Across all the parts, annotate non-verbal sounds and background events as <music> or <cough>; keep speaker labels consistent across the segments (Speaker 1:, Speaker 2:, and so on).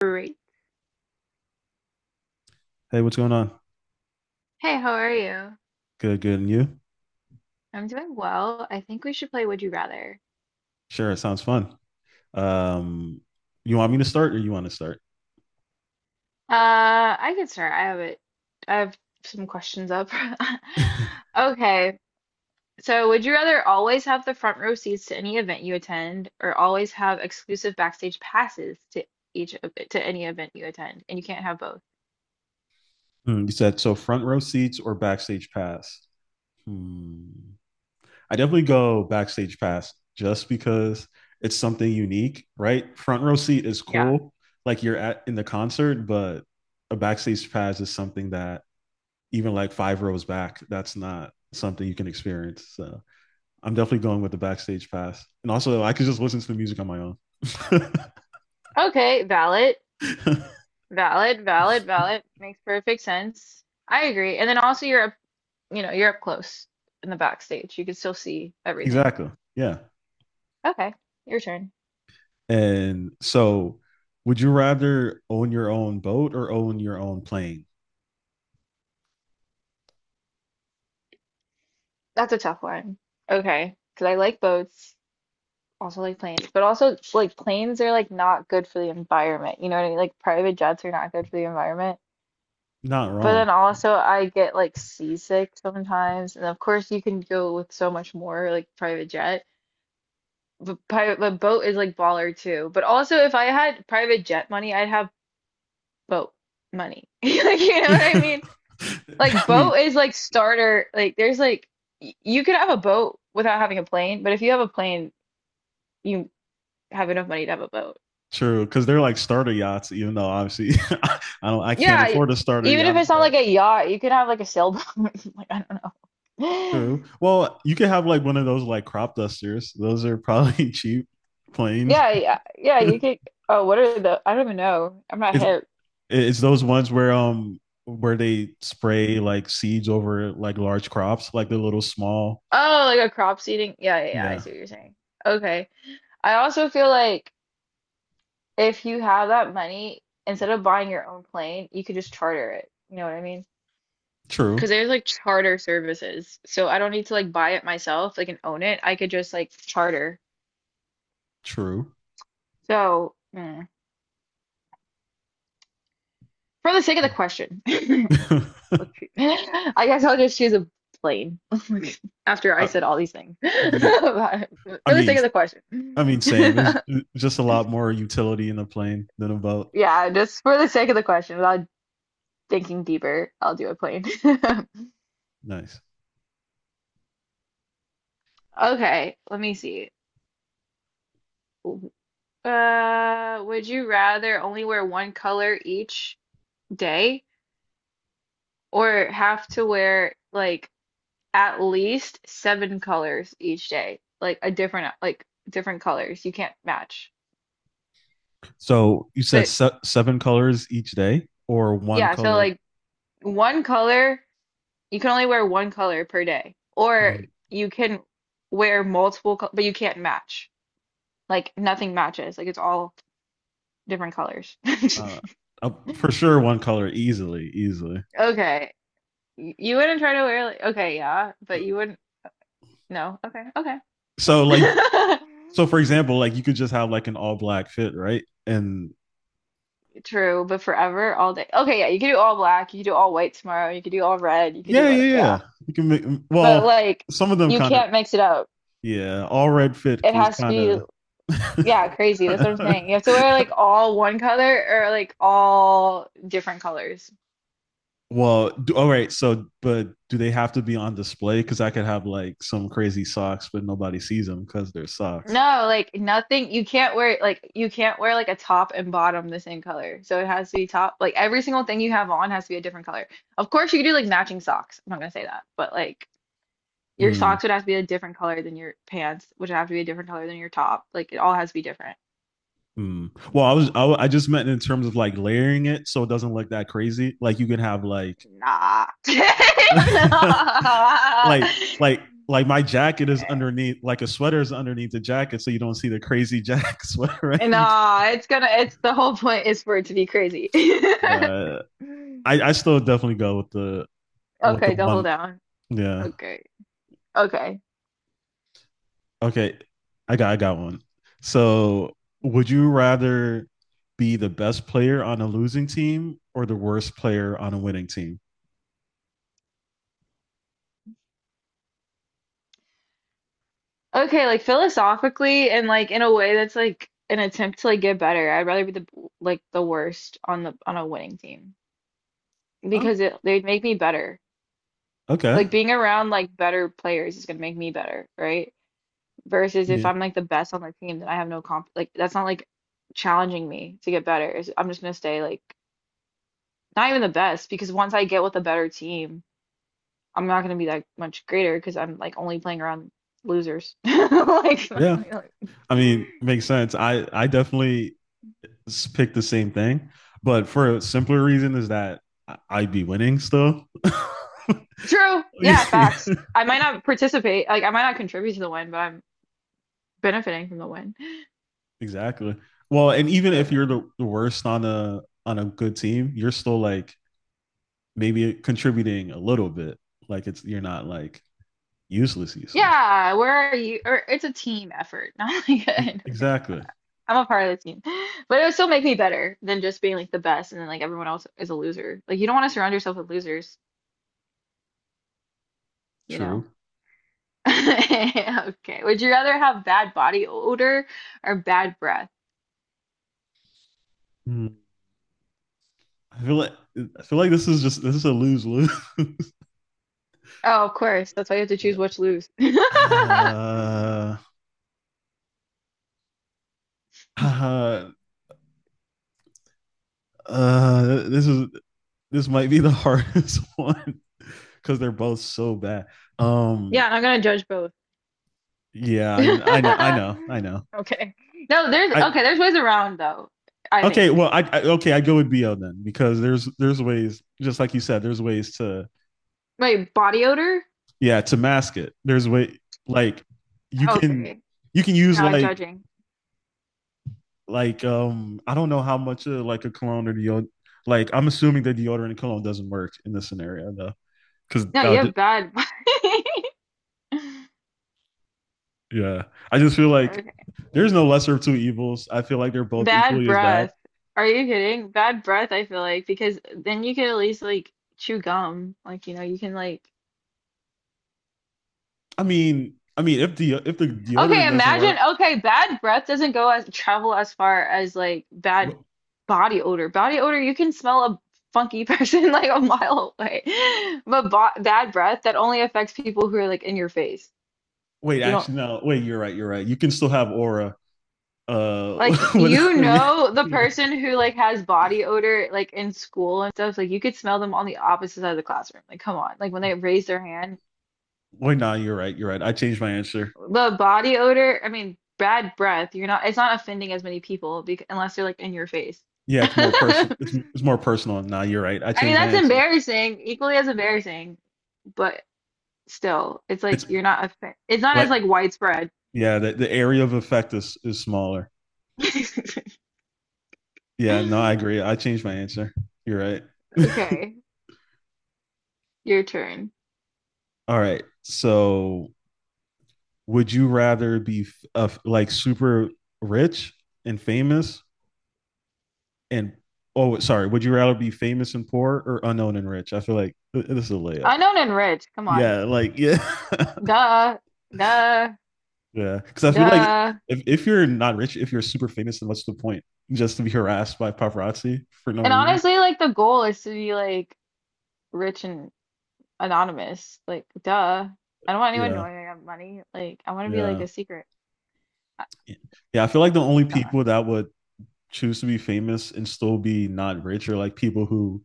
Speaker 1: Great.
Speaker 2: Hey, what's going on?
Speaker 1: Hey, how are you?
Speaker 2: Good, good. And you?
Speaker 1: I'm doing well. I think we should play Would You Rather.
Speaker 2: Sure, it sounds fun. Um, you want me to start or you want to start?
Speaker 1: Uh, I can start. I have it. I have some questions up. <laughs>
Speaker 2: <laughs>
Speaker 1: Okay. So, would you rather always have the front row seats to any event you attend, or always have exclusive backstage passes to each of to any event you attend? And you can't have both.
Speaker 2: Hmm, you said so front row seats or backstage pass? Hmm. I definitely go backstage pass just because it's something unique, right? Front row seat is
Speaker 1: Yeah.
Speaker 2: cool, like you're at in the concert, but a backstage pass is something that even like five rows back, that's not something you can experience. So I'm definitely going with the backstage pass. And also I could just listen to the music on my own. <laughs>
Speaker 1: Okay. Valid.
Speaker 2: <laughs>
Speaker 1: Valid. Valid. Valid. Makes perfect sense. I agree. And then also, you're up close in the backstage. You can still see everything.
Speaker 2: Exactly. Yeah.
Speaker 1: Okay, your turn.
Speaker 2: And so, would you rather own your own boat or own your own plane?
Speaker 1: That's a tough one. Okay, because I like boats, also like planes, but also like planes are like not good for the environment. You know what I mean? Like private jets are not good for the environment.
Speaker 2: Not
Speaker 1: But then
Speaker 2: wrong.
Speaker 1: also I get like seasick sometimes, and of course you can go with so much more like private jet. But boat is like baller too. But also if I had private jet money, I'd have boat money. <laughs> Like you
Speaker 2: <laughs>
Speaker 1: know what I mean? Like
Speaker 2: I mean,
Speaker 1: boat is like starter. Like there's like you could have a boat without having a plane, but if you have a plane, you have enough money to have a boat.
Speaker 2: True, because they're like starter yachts, even though obviously <laughs> I don't, I can't
Speaker 1: Yeah,
Speaker 2: afford a starter
Speaker 1: even if
Speaker 2: yacht,
Speaker 1: it's not
Speaker 2: but
Speaker 1: like a yacht, you could have like a sailboat. <laughs> Like I don't know.
Speaker 2: true.
Speaker 1: <laughs>
Speaker 2: Well, you could have like one of those like crop dusters. Those are probably <laughs> cheap planes.
Speaker 1: Yeah, yeah, yeah.
Speaker 2: <laughs>
Speaker 1: You could. Oh, what are the? I don't even know. I'm not
Speaker 2: it's
Speaker 1: hip.
Speaker 2: it's those ones where they spray like seeds over like large crops, like the little small.
Speaker 1: Oh, like a crop seeding. Yeah, yeah, yeah. I
Speaker 2: Yeah.
Speaker 1: see what you're saying. Okay. I also feel like if you have that money, instead of buying your own plane, you could just charter it. You know what I mean?
Speaker 2: True.
Speaker 1: Because there's like charter services. So I don't need to like buy it myself, like and own it. I could just like charter.
Speaker 2: True.
Speaker 1: So for the sake of the question, <laughs> let's
Speaker 2: <laughs>
Speaker 1: see. I guess I'll just choose a plane <laughs> after I
Speaker 2: I,
Speaker 1: said all these things. <laughs> For
Speaker 2: yeah, I
Speaker 1: the
Speaker 2: mean,
Speaker 1: sake of the question.
Speaker 2: I mean, same. It's
Speaker 1: <laughs>
Speaker 2: just a lot more utility in a plane than a boat.
Speaker 1: Yeah, just for the sake of the question, without thinking deeper, I'll do a plane. <laughs>
Speaker 2: Nice.
Speaker 1: Okay, let me see. Would you rather only wear one color each day, or have to wear like at least seven colors each day, like a different like different colors? You can't match.
Speaker 2: So you said
Speaker 1: So
Speaker 2: seven colors each day, or one
Speaker 1: yeah, so
Speaker 2: color?
Speaker 1: like one color, you can only wear one color per day, or you can wear multiple, but you can't match. Like nothing matches. Like it's all different colors. <laughs>
Speaker 2: Uh, for sure, one color easily, easily.
Speaker 1: Okay, you wouldn't try to wear like, okay, yeah, but you wouldn't. No, okay, okay.
Speaker 2: So like,
Speaker 1: <laughs>
Speaker 2: so for
Speaker 1: <laughs>
Speaker 2: example, like you could just have like an all black fit, right? And
Speaker 1: True, but forever, all day. Okay, yeah, you could do all black, you could do all white tomorrow, you could do all red, you could do
Speaker 2: yeah,
Speaker 1: what,
Speaker 2: yeah,
Speaker 1: yeah.
Speaker 2: yeah. You can make
Speaker 1: But
Speaker 2: well.
Speaker 1: like,
Speaker 2: Some of them
Speaker 1: you
Speaker 2: kind of
Speaker 1: can't mix it up.
Speaker 2: yeah. All red fit
Speaker 1: It
Speaker 2: is
Speaker 1: has to
Speaker 2: kind
Speaker 1: be,
Speaker 2: of.
Speaker 1: yeah, crazy. That's what I'm saying. You have to
Speaker 2: <laughs>
Speaker 1: wear like all one color or like all different colors.
Speaker 2: Well, all right. So, but do they have to be on display? Because I could have like some crazy socks, but nobody sees them because they're socks.
Speaker 1: No, like nothing. You can't wear like a top and bottom the same color. So it has to be top. Like every single thing you have on has to be a different color. Of course, you could do like matching socks. I'm not gonna say that, but like. Your
Speaker 2: Mm,
Speaker 1: socks would have to be a different color than your pants, which would have to be a different color than your top. Like it all has to be different.
Speaker 2: mm. Well, I was I just meant in terms of like layering it so it doesn't look that crazy. Like you can have like,
Speaker 1: Nah. <laughs>
Speaker 2: <laughs>
Speaker 1: Nah.
Speaker 2: like like like my jacket is underneath, like a sweater is underneath the jacket, so you don't see the crazy <laughs> jack sweater. Right?
Speaker 1: Nah, it's the whole point is for it to be crazy.
Speaker 2: Can-
Speaker 1: <laughs>
Speaker 2: uh, I still definitely go with the
Speaker 1: Okay, double
Speaker 2: one.
Speaker 1: down.
Speaker 2: Yeah.
Speaker 1: Okay. Okay.
Speaker 2: Okay, I got one. So, would you rather be the best player on a losing team or the worst player on a winning team?
Speaker 1: Okay, like philosophically and like in a way that's like an attempt to like get better. I'd rather be the worst on the on a winning team
Speaker 2: Oh,
Speaker 1: because it they'd make me better.
Speaker 2: okay.
Speaker 1: Like being around like better players is gonna make me better, right? Versus if
Speaker 2: Yeah.
Speaker 1: I'm like the best on the team, then I have no comp like that's not like challenging me to get better. I'm just gonna stay like not even the best because once I get with a better team, I'm not gonna be that much greater because I'm like only playing around losers. <laughs>
Speaker 2: Yeah. I mean, makes sense. I definitely picked the same thing, but for a simpler reason is that I'd be winning still. <laughs>
Speaker 1: True. Yeah,
Speaker 2: Yeah,
Speaker 1: facts. I might not participate, like I might not contribute to the win, but I'm benefiting from the win.
Speaker 2: exactly. Well, and even if you're the,
Speaker 1: Okay.
Speaker 2: the worst on a good team, you're still like maybe contributing a little bit. Like it's you're not like useless, useless.
Speaker 1: Yeah, where are you? Or it's a team effort, <laughs> not like a
Speaker 2: Exactly.
Speaker 1: I'm a part of the team. <laughs> But it would still make me better than just being like the best and then like everyone else is a loser. Like you don't want to surround yourself with losers, you
Speaker 2: True.
Speaker 1: know. <laughs> Okay. Would you rather have bad body odor or bad breath?
Speaker 2: Hmm. I feel like I feel like this is just this is a lose lose.
Speaker 1: Oh, of course. That's why
Speaker 2: <laughs>
Speaker 1: you have to choose
Speaker 2: Yeah.
Speaker 1: which lose. <laughs>
Speaker 2: Uh, uh, uh, this is this might be the <laughs> hardest one because <laughs> they're both so bad. Um.
Speaker 1: Yeah, and I'm gonna judge both.
Speaker 2: Yeah. I know. I know. I
Speaker 1: <laughs>
Speaker 2: know.
Speaker 1: Okay. No, there's
Speaker 2: I
Speaker 1: okay, there's ways around though, I think.
Speaker 2: okay. Well. I okay. I go with BL then because there's ways, just like you said, there's ways to,
Speaker 1: Wait, body odor?
Speaker 2: yeah, to mask it. There's way, like you can
Speaker 1: Okay.
Speaker 2: you can use,
Speaker 1: No,
Speaker 2: like
Speaker 1: judging.
Speaker 2: like um I don't know how much of like a cologne or deodorant. Like, I'm assuming that deodorant and cologne doesn't work in this scenario though, because,
Speaker 1: No, you have bad. <laughs>
Speaker 2: yeah, I just feel like
Speaker 1: Okay.
Speaker 2: there's no lesser of two evils. I feel like they're both
Speaker 1: Bad
Speaker 2: equally as bad.
Speaker 1: breath. Are you kidding? Bad breath, I feel like, because then you could at least like chew gum. Like, you can like,
Speaker 2: I mean, if the deodorant
Speaker 1: okay,
Speaker 2: doesn't
Speaker 1: imagine,
Speaker 2: work.
Speaker 1: okay, bad breath doesn't go as travel as far as like bad
Speaker 2: w-
Speaker 1: body odor. Body odor, you can smell a funky <laughs> person like a mile away. But bo bad breath, that only affects people who are like in your face.
Speaker 2: Wait,
Speaker 1: You don't.
Speaker 2: actually no, wait, you're right, you're right, you can still have aura. uh
Speaker 1: Like
Speaker 2: <laughs>
Speaker 1: you
Speaker 2: yeah,
Speaker 1: know the
Speaker 2: yeah,
Speaker 1: person who like has body odor like in school and stuff, like you could smell them on the opposite side of the classroom. Like come on. Like when they raise their hand,
Speaker 2: wait, no, nah, you're right, you're right, I changed my answer.
Speaker 1: the body odor, I mean bad breath, you're not, it's not offending as many people because, unless they're like in your face. <laughs>
Speaker 2: Yeah, it's more
Speaker 1: I
Speaker 2: personal. It's more personal. Nah, you're right. I
Speaker 1: mean
Speaker 2: changed my
Speaker 1: that's
Speaker 2: answer.
Speaker 1: embarrassing, equally as embarrassing, but still, it's like
Speaker 2: It's
Speaker 1: you're not offen it's not
Speaker 2: like,
Speaker 1: as like widespread. <laughs>
Speaker 2: yeah, the area of effect is smaller. Yeah, no, I agree. I changed my answer. You're right. <laughs>
Speaker 1: Okay, your turn.
Speaker 2: All right. So, would you rather be like super rich and famous and, oh, sorry, would you rather be famous and poor or unknown and rich? I feel like this is a layup.
Speaker 1: Unknown and rich, come on.
Speaker 2: Yeah, like yeah. <laughs>
Speaker 1: Duh. Duh.
Speaker 2: Yeah, because I feel like
Speaker 1: Duh.
Speaker 2: if you're not rich, if you're super famous, then what's the point? Just to be harassed by paparazzi for no
Speaker 1: And
Speaker 2: reason?
Speaker 1: honestly, like the goal is to be like rich and anonymous. Like, duh. I don't want anyone
Speaker 2: Yeah,
Speaker 1: knowing I have money. Like, I want to be like
Speaker 2: yeah,
Speaker 1: a secret. Uh,
Speaker 2: yeah. I feel like the only people
Speaker 1: Duh.
Speaker 2: that would choose to be famous and still be not rich are like people who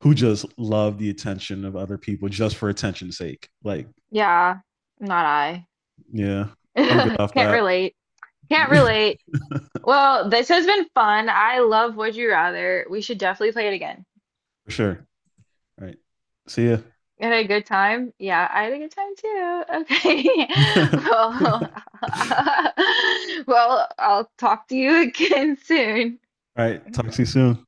Speaker 2: who just love the attention of other people just for attention's sake. Like,
Speaker 1: Yeah, not I.
Speaker 2: yeah,
Speaker 1: <laughs>
Speaker 2: I'm good off
Speaker 1: Can't
Speaker 2: that.
Speaker 1: relate. Can't
Speaker 2: <laughs>
Speaker 1: relate. Well, this has been fun. I love Would You Rather. We should definitely play it again.
Speaker 2: For sure. All right, see ya.
Speaker 1: You had a good time? Yeah, I had a good time too. Okay. <laughs>
Speaker 2: <laughs>
Speaker 1: Well, <laughs> well, I'll talk to you <laughs> again soon.
Speaker 2: All right, talk to you soon.